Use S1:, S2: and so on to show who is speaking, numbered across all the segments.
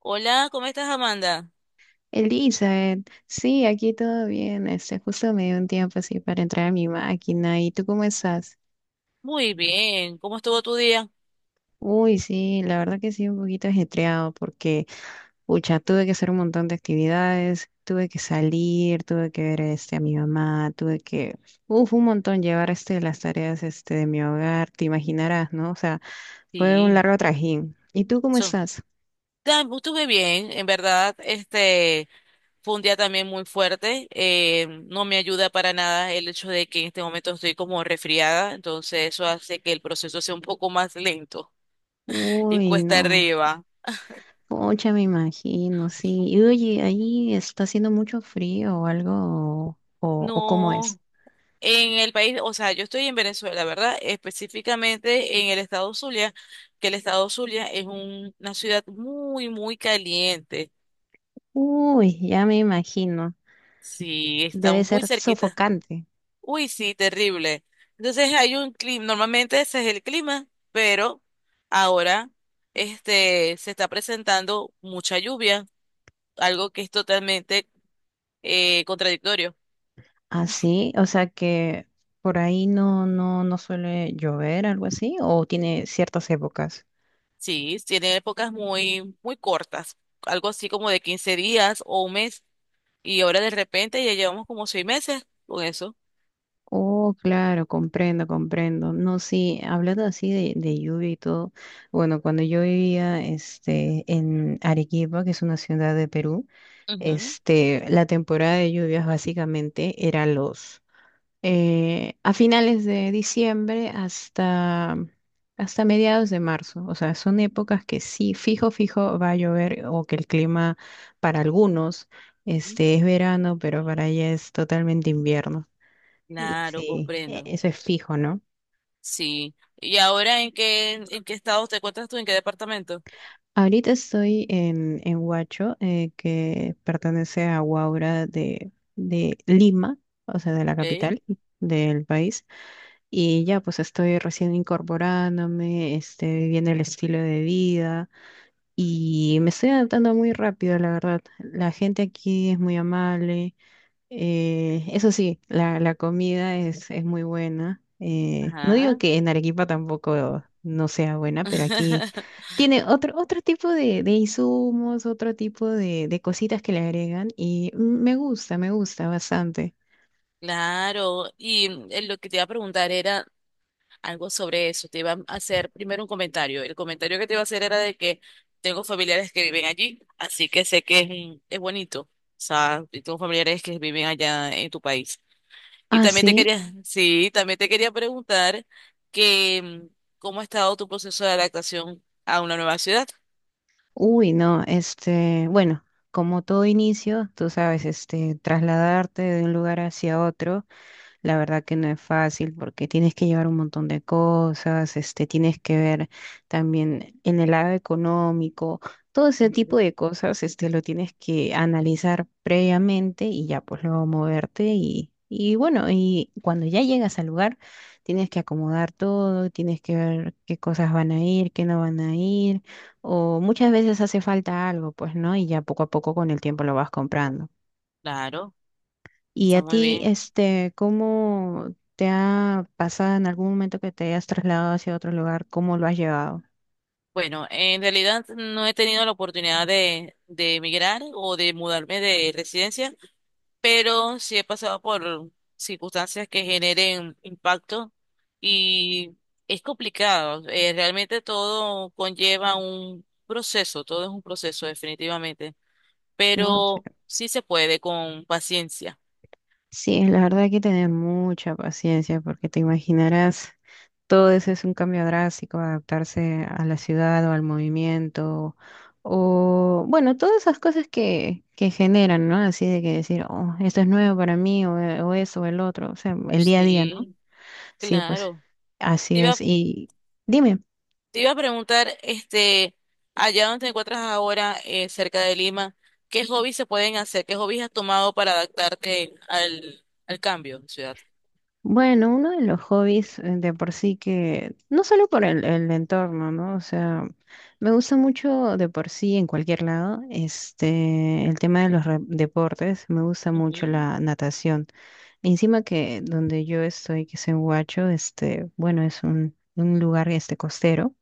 S1: Hola, ¿cómo estás, Amanda?
S2: Elizabeth, sí, aquí todo bien. Justo me dio un tiempo así para entrar a mi máquina. ¿Y tú cómo estás?
S1: Muy bien, ¿cómo estuvo tu día?
S2: Uy, sí, la verdad que sí, un poquito ajetreado porque, pucha, tuve que hacer un montón de actividades, tuve que salir, tuve que ver a mi mamá, tuve que, uf, un montón llevar las tareas de mi hogar, te imaginarás, ¿no? O sea, fue un
S1: Sí,
S2: largo trajín. ¿Y tú cómo
S1: so,
S2: estás?
S1: estuve bien, en verdad, fue un día también muy fuerte, no me ayuda para nada el hecho de que en este momento estoy como resfriada, entonces eso hace que el proceso sea un poco más lento y
S2: Uy,
S1: cuesta
S2: no.
S1: arriba.
S2: Pucha, me imagino, sí. Y oye, ahí está haciendo mucho frío o algo, o cómo es.
S1: No, en el país, o sea, yo estoy en Venezuela, ¿verdad? Específicamente en el estado Zulia, que el estado Zulia es una ciudad muy, muy caliente.
S2: Uy, ya me imagino.
S1: Sí,
S2: Debe
S1: estamos
S2: ser
S1: muy cerquita.
S2: sofocante.
S1: Uy, sí, terrible. Entonces hay un clima, normalmente ese es el clima, pero ahora se está presentando mucha lluvia, algo que es totalmente contradictorio.
S2: Así, o sea que por ahí no suele llover, algo así, o tiene ciertas épocas.
S1: Sí, tiene épocas muy muy cortas, algo así como de 15 días o un mes, y ahora de repente ya llevamos como seis meses con eso.
S2: Oh, claro, comprendo, comprendo. No, sí, hablando así de lluvia y todo, bueno, cuando yo vivía en Arequipa, que es una ciudad de Perú,
S1: Ujú,
S2: la temporada de lluvias básicamente era los, a finales de diciembre hasta mediados de marzo. O sea, son épocas que sí, fijo, fijo va a llover o que el clima para algunos,
S1: ujú.
S2: es verano, pero para ella es totalmente invierno. Y
S1: Claro,
S2: sí,
S1: comprendo.
S2: eso es fijo, ¿no?
S1: Sí. ¿Y ahora en qué estado te encuentras tú? ¿En qué departamento?
S2: Ahorita estoy en Huacho, que pertenece a Huaura de Lima, o sea, de la
S1: Ok.
S2: capital del país. Y ya, pues estoy recién incorporándome, viviendo el estilo de vida y me estoy adaptando muy rápido, la verdad. La gente aquí es muy amable. Eso sí, la comida es muy buena. No digo
S1: Ajá.
S2: que en Arequipa tampoco no sea buena, pero aquí tiene otro tipo de insumos, otro tipo de cositas que le agregan y me gusta bastante.
S1: Claro. Y lo que te iba a preguntar era algo sobre eso. Te iba a hacer primero un comentario. El comentario que te iba a hacer era de que tengo familiares que viven allí, así que sé que es, es bonito. O sea, y tengo familiares que viven allá en tu país. Y
S2: Ah,
S1: también te
S2: sí.
S1: quería, sí, también te quería preguntar que mm, cómo ha estado tu proceso de adaptación a una nueva ciudad.
S2: Uy, no, bueno, como todo inicio, tú sabes, trasladarte de un lugar hacia otro. La verdad que no es fácil porque tienes que llevar un montón de cosas, tienes que ver también en el lado económico, todo ese tipo de cosas, lo tienes que analizar previamente y ya pues luego moverte y bueno, y cuando ya llegas al lugar, tienes que acomodar todo, tienes que ver qué cosas van a ir, qué no van a ir, o muchas veces hace falta algo, pues, ¿no? Y ya poco a poco con el tiempo lo vas comprando.
S1: Claro,
S2: ¿Y
S1: está
S2: a
S1: muy
S2: ti,
S1: bien.
S2: cómo te ha pasado en algún momento que te hayas trasladado hacia otro lugar? ¿Cómo lo has llevado?
S1: Bueno, en realidad no he tenido la oportunidad de emigrar o de mudarme de residencia, pero sí he pasado por circunstancias que generen impacto y es complicado. Realmente todo conlleva un proceso, todo es un proceso definitivamente,
S2: No, o
S1: pero sí se puede con paciencia.
S2: sí, la verdad hay que tener mucha paciencia porque te imaginarás, todo eso es un cambio drástico, adaptarse a la ciudad o al movimiento, o bueno, todas esas cosas que generan, ¿no? Así de que decir, oh, esto es nuevo para mí, o, o eso, o el otro, o sea, el día a día, ¿no?
S1: Sí,
S2: Sí, pues
S1: claro.
S2: así es.
S1: Iba
S2: Y dime.
S1: Te iba a preguntar, allá donde te encuentras ahora, cerca de Lima, ¿qué hobbies se pueden hacer? ¿Qué hobbies has tomado para adaptarte al cambio de ciudad?
S2: Bueno, uno de los hobbies de por sí que, no solo por el entorno, ¿no? O sea, me gusta mucho de por sí en cualquier lado, el tema de los deportes, me gusta mucho
S1: Ujú,
S2: la natación. Encima que donde yo estoy, que es en Huacho, bueno, es un lugar costero.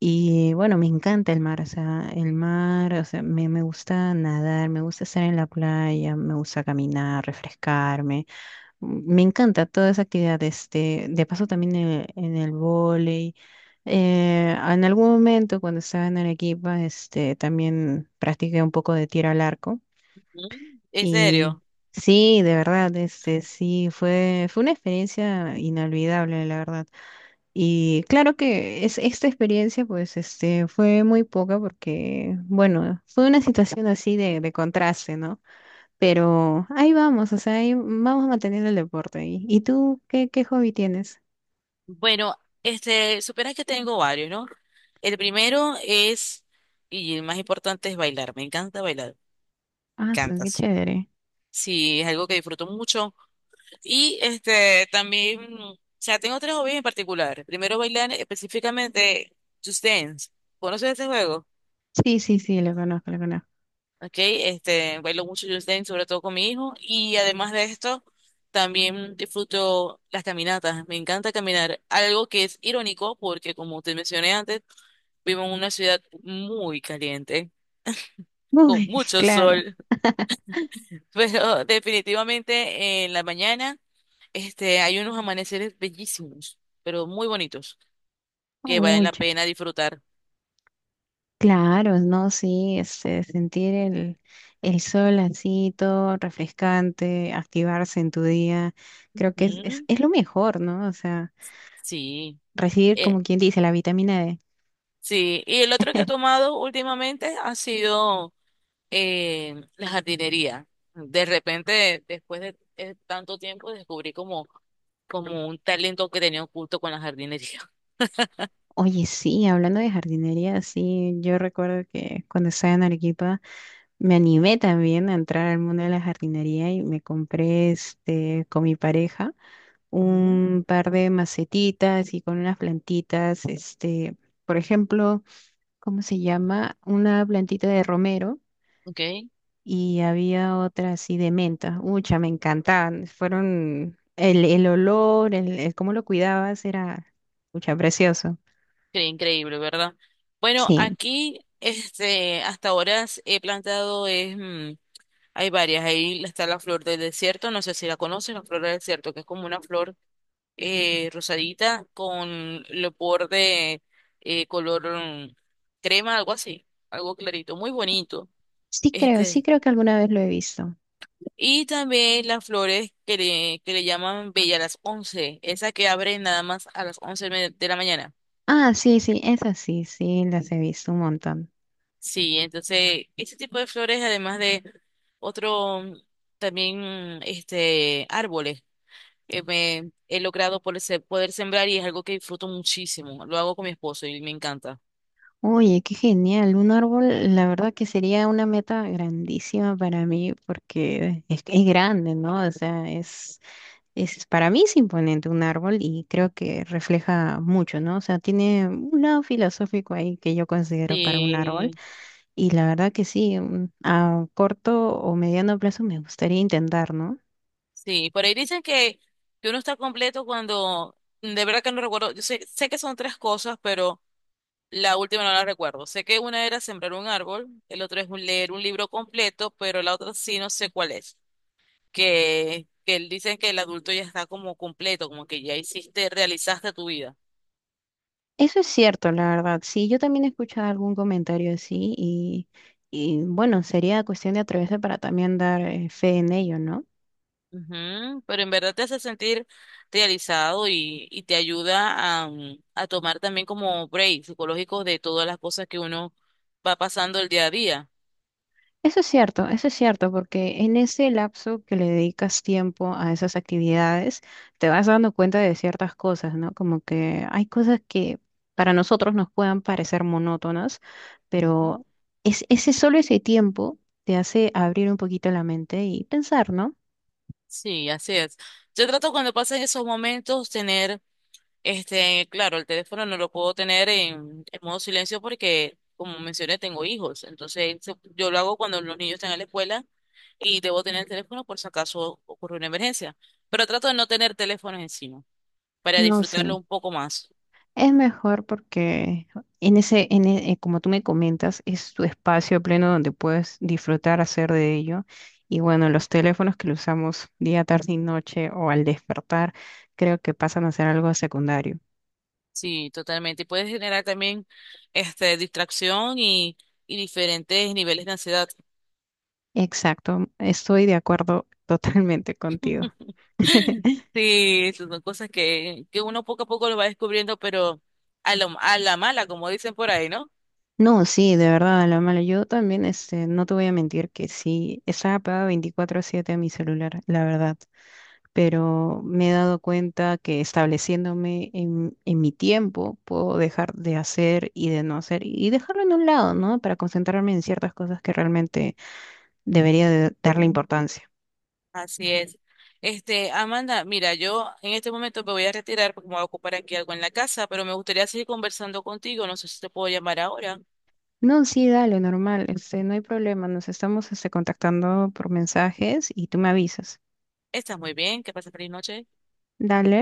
S2: Y bueno, me encanta el mar, o sea, el mar, o sea, me gusta nadar, me gusta estar en la playa, me gusta caminar, refrescarme. Me encanta toda esa actividad. De paso también en el vóley. En algún momento cuando estaba en Arequipa, también practiqué un poco de tiro al arco.
S1: ujú. ¿En
S2: Y
S1: serio?
S2: sí, de verdad, sí, fue una experiencia inolvidable, la verdad. Y claro que es, esta experiencia, pues, fue muy poca porque, bueno, fue una situación así de contraste, ¿no? Pero ahí vamos, o sea, ahí vamos manteniendo el deporte. ¿Y tú qué, hobby tienes?
S1: Bueno, supieras que tengo varios, ¿no? El primero es, y el más importante es bailar. Me encanta bailar. Me
S2: Ah, sí, qué
S1: encantas.
S2: chévere.
S1: Sí, es algo que disfruto mucho. Y este también, o sea, tengo tres hobbies en particular. Primero bailar específicamente Just Dance. ¿Conoces este juego?
S2: Sí, sí, sí, lo conozco, lo conozco.
S1: Ok, bailo mucho Just Dance, sobre todo con mi hijo. Y además de esto, también disfruto las caminatas. Me encanta caminar. Algo que es irónico porque, como te mencioné antes, vivo en una ciudad muy caliente, con
S2: Uy,
S1: mucho
S2: claro.
S1: sol. Pero definitivamente en la mañana, hay unos amaneceres bellísimos, pero muy bonitos, que valen la
S2: Mucha.
S1: pena disfrutar.
S2: Claro, no, sí, sentir el sol así, todo refrescante, activarse en tu día, creo que es, es,
S1: Ujú.
S2: es lo mejor, ¿no? O sea,
S1: Sí,
S2: recibir,
S1: eh,
S2: como quien dice, la vitamina D.
S1: sí. Y el otro que he tomado últimamente ha sido la jardinería. De repente, después de tanto tiempo, descubrí como un talento que tenía oculto con la jardinería.
S2: Oye, sí, hablando de jardinería, sí, yo recuerdo que cuando estaba en Arequipa, me animé también a entrar al mundo de la jardinería y me compré con mi pareja
S1: Ujú.
S2: un par de macetitas y con unas plantitas, por ejemplo, ¿cómo se llama? Una plantita de romero
S1: Ok.
S2: y había otra así de menta. Ucha, me encantaban. Fueron el olor, el cómo lo cuidabas era, ucha, precioso.
S1: Qué increíble, ¿verdad? Bueno,
S2: Sí,
S1: aquí hasta ahora he plantado, hay varias. Ahí está la flor del desierto, no sé si la conoces, la flor del desierto, que es como una flor rosadita con el borde color crema, algo así, algo clarito, muy bonito. Este,
S2: sí creo que alguna vez lo he visto.
S1: y también las flores que le llaman bella a las 11, esa que abre nada más a las de la mañana.
S2: Ah, sí, sí, esas sí, sí, las he visto un montón.
S1: Sí, entonces ese tipo de flores, además de otro mm, también árboles que me he logrado poder, poder sembrar y es algo que disfruto muchísimo. Lo hago con mi esposo y me encanta.
S2: Oye, qué genial. Un árbol, la verdad que sería una meta grandísima para mí porque es grande, ¿no? O sea, para mí es imponente un árbol y creo que refleja mucho, ¿no? O sea, tiene un lado filosófico ahí que yo considero para un árbol
S1: Sí.
S2: y la verdad que sí, a corto o mediano plazo me gustaría intentar, ¿no?
S1: Sí, por ahí dicen que uno está completo cuando, de verdad que no recuerdo, yo sé que son tres cosas, pero la última no la recuerdo. Sé que una era sembrar un árbol, el otro es leer un libro completo, pero la otra sí no sé cuál es. Dicen que el adulto ya está como completo, como que ya hiciste, realizaste tu vida.
S2: Eso es cierto, la verdad. Sí, yo también he escuchado algún comentario así Y bueno, sería cuestión de atreverse para también dar fe en ello, ¿no?
S1: Ujú, pero en verdad te hace sentir realizado y te ayuda a, a tomar también como break psicológico de todas las cosas que uno va pasando el día a día.
S2: Eso es cierto, porque en ese lapso que le dedicas tiempo a esas actividades, te vas dando cuenta de ciertas cosas, ¿no? Como que hay cosas que para nosotros nos puedan parecer monótonas,
S1: Ujú.
S2: pero ese solo ese tiempo te hace abrir un poquito la mente y pensar, ¿no?
S1: Sí, así es. Yo trato cuando pasan esos momentos tener, claro, el teléfono no lo puedo tener en modo silencio porque, como mencioné, tengo hijos. Entonces, yo lo hago cuando los niños están en la escuela y debo tener el teléfono por si acaso ocurre una emergencia. Pero trato de no tener teléfonos encima para
S2: No,
S1: disfrutarlo
S2: sí.
S1: un poco más.
S2: Es mejor porque en ese, como tú me comentas, es tu espacio pleno donde puedes disfrutar, hacer de ello. Y bueno, los teléfonos que lo usamos día, tarde y noche o al despertar, creo que pasan a ser algo secundario.
S1: Sí, totalmente. Y puede generar también, distracción y diferentes niveles de ansiedad.
S2: Exacto, estoy de acuerdo totalmente contigo.
S1: Sí, esas son cosas que uno poco a poco lo va descubriendo, pero a la mala, como dicen por ahí, ¿no?
S2: No, sí, de verdad, a la mala. Yo también, no te voy a mentir que sí, estaba pegada 24/7 a mi celular, la verdad. Pero me he dado cuenta que estableciéndome en mi tiempo puedo dejar de hacer y de no hacer y dejarlo en un lado, ¿no? Para concentrarme en ciertas cosas que realmente debería de darle importancia.
S1: Así es. Este, Amanda, mira, yo en este momento me voy a retirar porque me voy a ocupar aquí algo en la casa, pero me gustaría seguir conversando contigo. No sé si te puedo llamar ahora.
S2: No, sí, dale, normal, no hay problema, nos estamos contactando por mensajes y tú me avisas.
S1: Estás muy bien, que pases feliz noche.
S2: Dale.